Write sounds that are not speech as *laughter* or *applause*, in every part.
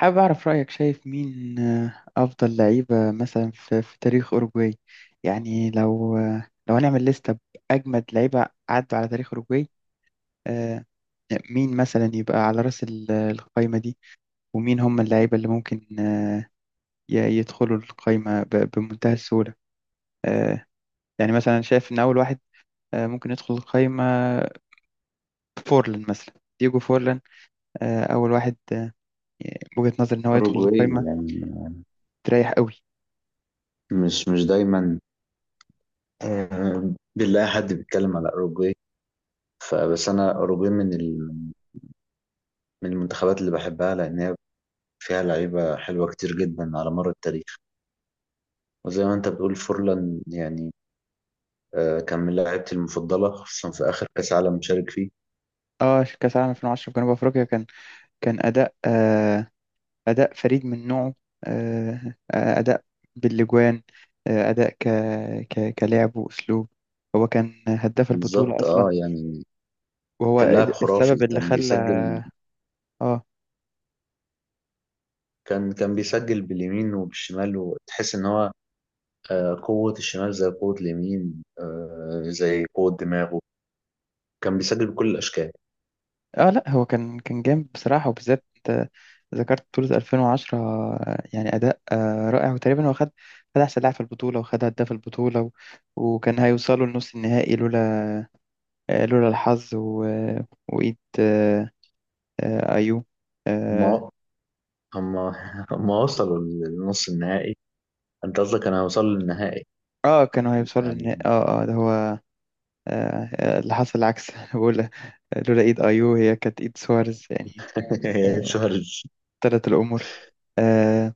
حابب أعرف رأيك، شايف مين أفضل لعيبة مثلا في تاريخ أوروجواي؟ يعني لو لو هنعمل لستة بأجمد لعيبة عدوا على تاريخ أوروجواي. آه، مين مثلا يبقى على رأس القايمة دي؟ ومين هم اللعيبة اللي ممكن يدخلوا القايمة بمنتهى السهولة؟ آه، يعني مثلا شايف إن أول واحد ممكن يدخل القايمة، فورلان مثلا. ديجو فورلان، أول واحد، بوجهة نظر إن هو يدخل أوروجواي القايمة يعني. تريح قوي. مش دايما، بنلاقي حد بيتكلم على أوروجواي. فبس أنا أوروجواي من المنتخبات اللي بحبها لأن هي فيها لعيبة حلوة كتير جدا على مر التاريخ. وزي ما أنت بتقول فورلان يعني، كان من لعيبتي المفضلة خصوصا في آخر كأس عالم شارك فيه. اه، كأس العالم 2010 في جنوب أفريقيا، كان أداء، أداء فريد من نوعه. أداء باللجوان، أداء كلعب وأسلوب. هو كان هداف البطولة بالظبط أصلا، أه يعني، وهو كان لاعب خرافي السبب اللي كان خلى بيسجل. آه كان بيسجل باليمين وبالشمال وتحس إن هو قوة الشمال زي قوة اليمين، زي قوة دماغه. كان بيسجل بكل الاشكال. آه لأ، هو كان جامد بصراحة، وبالذات آه، ذكرت بطولة 2010. يعني أداء رائع، وتقريبا هو خد أحسن لاعب في البطولة، وخد هداف البطولة وكان هيوصلوا لنص النهائي لولا لولا الحظ و... آه، وإيد، أيو. هما هما *laughs* هما وصلوا للنص النهائي. انت قصدك انا هوصل للنهائي اه، كانوا هيوصلوا للنهائي. يعني. اه اه، ده هو. اللي حصل العكس. *laughs* أنا بقول لولا ايد. ايو، هي كانت ايد سوارز يعني. *laughs* آه سواريز. تلت الامور. آه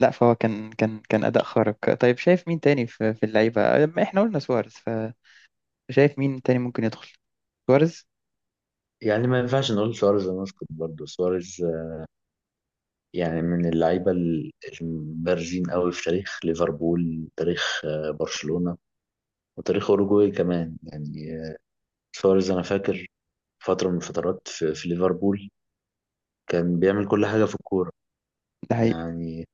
لا، فهو كان اداء خارق. طيب شايف مين تاني في اللعيبه؟ ما احنا قلنا سوارز. فشايف مين تاني ممكن يدخل؟ سوارز. يعني ما ينفعش نقول سواريز، مسكت برضه سواريز. يعني من البارزين قوي في تاريخ ليفربول، تاريخ برشلونه، وتاريخ اوروجواي كمان يعني. سواريز انا فاكر فتره من الفترات في ليفربول كان بيعمل كل حاجه في الكوره. ده حقيقي. يعني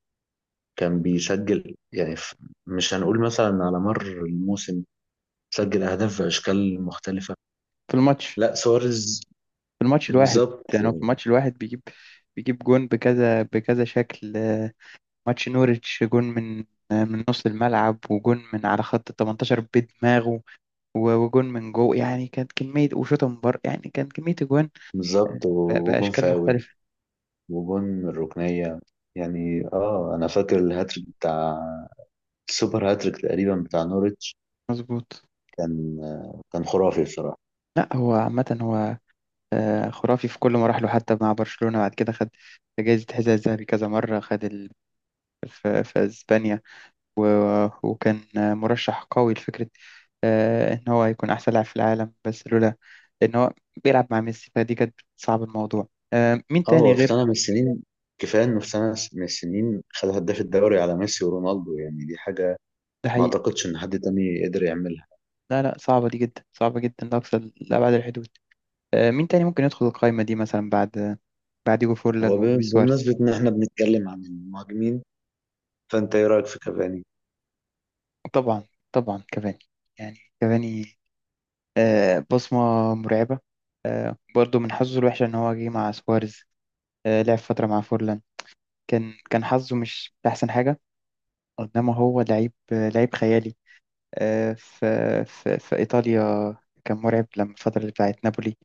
كان بيسجل مش هنقول مثلا على مر الموسم، سجل أهداف في أشكال مختلفة. في الماتش لا سواريز. في الماتش الواحد. بالظبط. يعني هو في الماتش الواحد بيجيب جون بكذا شكل. ماتش نوريتش، جون من من نص الملعب، وجون من على خط ال 18 بدماغه، وجون من جو يعني كانت كمية، وشوطة من بره يعني كانت كمية أجوان، بالظبط وجون بأشكال فاول، مختلفة. وجون من الركنية. يعني اه انا فاكر الهاتريك بتاع، السوبر هاتريك تقريبا بتاع نوريتش. مظبوط. كان كان خرافي بصراحة. لا، هو عامة هو خرافي في كل مراحله. حتى مع برشلونة بعد كده خد جايزة حذاء الذهبي كذا مرة. خد في أسبانيا، و... وكان مرشح قوي لفكرة إن هو يكون أحسن لاعب في العالم، بس لولا إن هو بيلعب مع ميسي، فدي كانت بتصعب الموضوع. مين اه تاني هو في غير؟ سنة من السنين، كفاية انه في سنة من السنين خد هداف الدوري على ميسي ورونالدو، يعني دي حاجة ده ما حقيقي. اعتقدش ان حد تاني قدر يعملها. لا لا، صعبة دي جدا، صعبة جدا لأقصى، لأبعد الحدود. مين تاني ممكن يدخل القائمة دي مثلا بعد ديجو فورلان هو ب- ولويس سواريز؟ بمناسبة ان احنا بنتكلم عن المهاجمين، فانت ايه رأيك في كافاني؟ طبعا، طبعا كافاني. يعني كافاني بصمة مرعبة. برضه من حظه الوحش إن هو جه مع سواريز، لعب فترة مع فورلان. كان حظه مش أحسن حاجة. إنما هو لعيب لعيب خيالي. آه، في في إيطاليا كان مرعب، لما الفترة اللي بتاعت نابولي.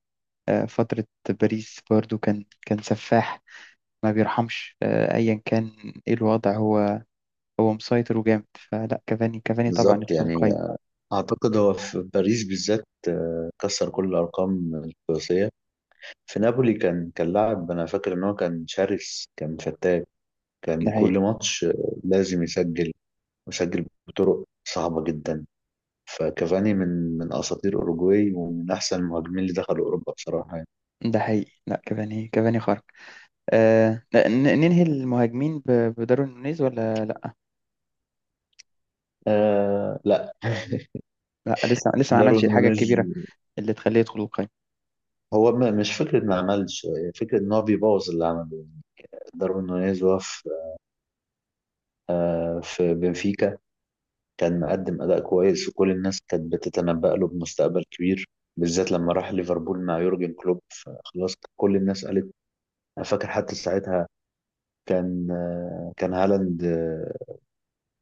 فترة باريس برضه كان سفاح، ما بيرحمش أيا كان إيه الوضع. هو مسيطر وجامد. فلا، كافاني كافاني طبعا بالظبط يدخل يعني، القايمة. أعتقد هو في باريس بالذات كسر كل الأرقام القياسية. في نابولي كان لاعب، أنا فاكر إن هو كان شرس كان فتاك، ده كان حقيقي. كل ماتش لازم يسجل، ويسجل بطرق صعبة جدا. فكافاني من أساطير أوروجواي ومن أحسن المهاجمين اللي دخلوا أوروبا بصراحة يعني. ده حقيقي، لا، كافاني كافاني خارق. آه ن- ننهي المهاجمين بداروين نونيز ولا لا؟ آه لا. *laughs* لا، لسه ما عملش داروين الحاجة نونيز. الكبيرة اللي تخليه يدخل القايمة. مش فكرة ما عملش، هي فكرة إن هو بيبوظ اللي عمله. داروين نونيز وقف في بنفيكا، كان مقدم أداء كويس وكل الناس كانت بتتنبأ له بمستقبل كبير، بالذات لما راح ليفربول مع يورجن كلوب فخلاص كل الناس قالت. أنا فاكر حتى ساعتها كان، كان هالاند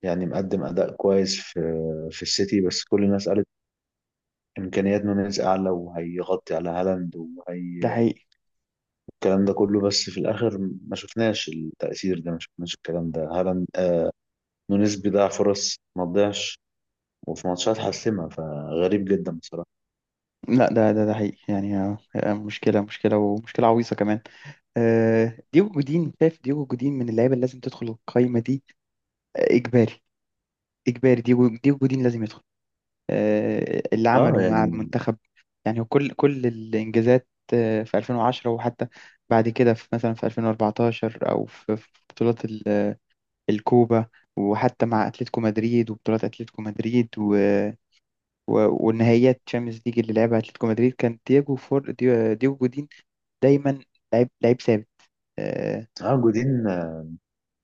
يعني مقدم أداء كويس في السيتي، بس كل الناس قالت إمكانيات نونيز أعلى وهيغطي على هالاند ده وهي حقيقي. الكلام ده كله. بس في الآخر ما شفناش التأثير ده، ما شفناش الكلام ده. هالاند نونيز بيضيع فرص ما تضيعش، وفي ماتشات حاسمة، فغريب جدا بصراحة. لا، ده حقيقي يعني. مشكلة، مشكلة، ومشكلة عويصة كمان. ديجو جودين. شايف ديجو جودين من اللعيبة اللي لازم تدخل القايمة دي؟ إجباري. إجباري، ديجو جودين لازم يدخل. اللي عمله اه مع يعني. المنتخب، يعني كل الإنجازات في 2010، وحتى بعد كده في مثلا في 2014، أو في بطولات الكوبا. وحتى مع أتلتيكو مدريد، وبطولات أتلتيكو مدريد، و والنهائيات تشامبيونز ليج اللي لعبها أتلتيكو مدريد، كان دييجو جودين دايما. لعيب، ثابت. آه، اه جودين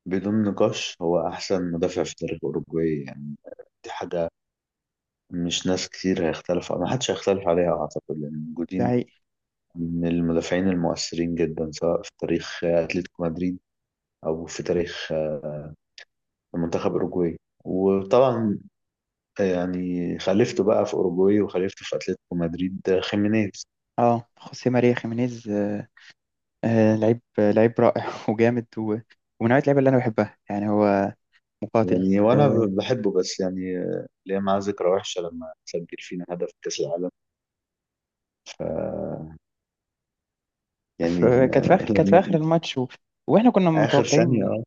بدون نقاش هو احسن مدافع في تاريخ اوروجواي يعني. دي حاجه مش ناس كتير هيختلف، ما حدش هيختلف عليها اعتقد، لان ده جودين حقيقي. من المدافعين المؤثرين جدا، سواء في تاريخ اتلتيكو مدريد او في تاريخ منتخب اوروجواي. وطبعا يعني خلفته بقى في اوروجواي وخلفته في اتلتيكو مدريد خيمينيز. اه، خوسيه ماريا خيمينيز، لعيب رائع *laughs* وجامد، ومن نوعية اللعيبة اللي أنا بحبها. يعني هو مقاتل. يعني وانا آه، بحبه، بس يعني ليه معاه ذكرى وحشه لما سجل فينا هدف في كاس العالم. ف يعني في كانت في اخر كانت في لما اخر الماتش، واحنا كنا اخر متوقعين. ثانيه.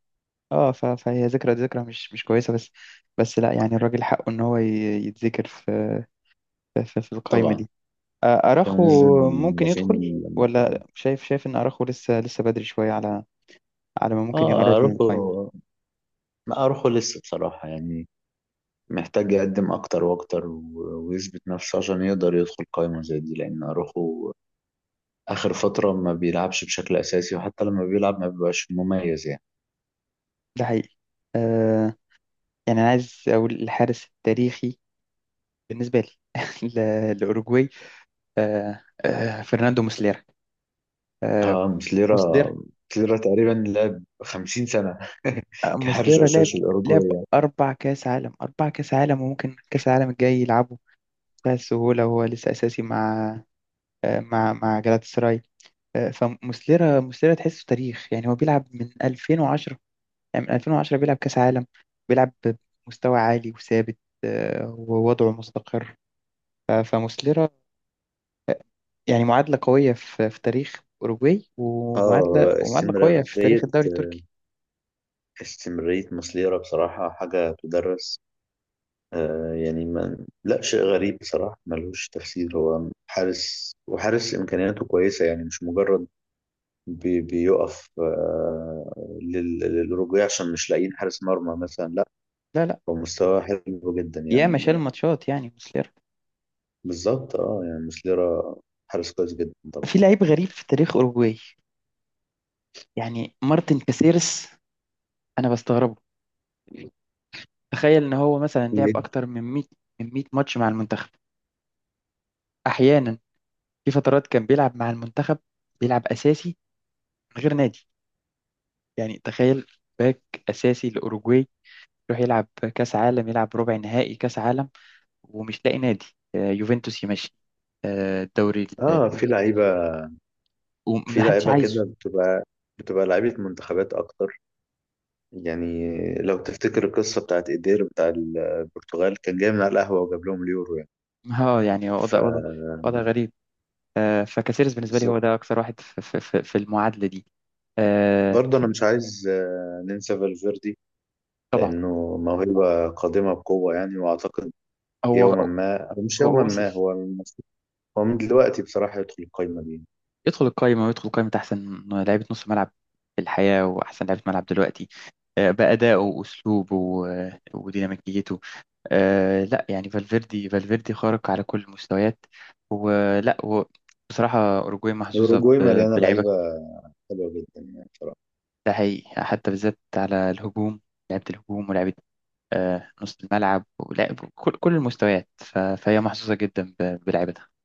اه، فهي ذكرى، مش كويسه، بس لا يعني، الراجل حقه ان هو يتذكر في, في القائمه طبعا. دي. اراخو فيمينيزم ممكن المدافعين يدخل؟ المحترمين. ولا شايف، ان اراخو لسه بدري شويه على ما ممكن اه يقرب من اروخو. القائمه؟ لا اروخو لسه بصراحة يعني، محتاج يقدم اكتر واكتر ويثبت نفسه عشان يقدر يدخل قائمة زي دي، لان اروخو اخر فترة ما بيلعبش بشكل اساسي، وحتى لما بيلعب ما بيبقاش مميز يعني. ده حقيقي. آه يعني انا عايز اقول الحارس التاريخي بالنسبه لي *laughs* لاوروجواي، فرناندو موسليرا. آه اه مسليرا تقريبا لعب 50 سنة *laughs* كحارس موسليرا لعب، اساسي لعب الاوروجواي. أربع كأس عالم. وممكن كأس العالم الجاي يلعبه بتاع السهولة، وهو لسه أساسي مع مع جلات سراي. موسليرا تحسه تاريخ. يعني هو بيلعب من 2010، يعني من 2010 بيلعب كأس عالم، بيلعب بمستوى عالي وثابت، ووضعه مستقر. فموسليرا يعني معادلة قوية في تاريخ أوروجواي، ومعادلة، اه قوية في استمرارية، تاريخ الدوري التركي. استمرارية مسليرا بصراحة حاجة تدرس. آه يعني، ما لا شيء غريب بصراحة ملوش تفسير، هو حارس وحارس إمكانياته كويسة، يعني مش مجرد بيقف للرجوع عشان مش لاقيين حارس مرمى مثلا، لا، لا لا، هو مستواه حلو جدا ياما يعني شال ماتشات يعني موسليرا. بالظبط. اه يعني مسليرا حارس كويس جدا طبعا. في لعيب غريب في تاريخ أوروجواي، يعني مارتن كاسيرس. انا بستغربه. تخيل ان هو مثلا لعب ليه؟ اكتر من 100 ماتش مع المنتخب. احيانا في فترات كان بيلعب مع المنتخب، بيلعب اساسي من غير نادي. يعني تخيل، باك اساسي لاوروجواي يروح يلعب كاس عالم، يلعب ربع نهائي كاس عالم، ومش لاقي نادي. يوفنتوس يمشي، الدوري التركي اه في لعيبة، يمشي. في ومحدش لعيبة عايزه. كده بتبقى، بتبقى لعيبة منتخبات أكتر. يعني لو تفتكر القصة بتاعت إيدير بتاع البرتغال، كان جاي من على القهوة وجاب لهم اليورو. اه، يعني ف وضع غريب. فكاسيرس بالنسبه لي هو بالظبط. ده اكثر واحد في المعادله دي. آه، برضه انا مش عايز ننسى فالفيردي، لانه موهبه قادمه بقوه يعني، واعتقد هو يوما ما أو مش يوما هو وصل، ما هو المفروض، هو من دلوقتي بصراحه يدخل القايمه دي. يدخل القائمة، ويدخل قائمة أحسن لعيبة نص ملعب في الحياة، وأحسن لعيبة ملعب دلوقتي، بأدائه وأسلوبه، وديناميكيته. لا يعني، فالفيردي، خارق على كل المستويات. ولا هو، بصراحة أوروجواي محظوظة واوروجواي مليانه بلعيبة. لعيبه حلوه جدا يعني بصراحه. ده حقيقي، حتى بالذات على الهجوم. لعيبة الهجوم، ولعيبة نص الملعب، ولعب كل المستويات. فهي محظوظة جدا بلعيبتها.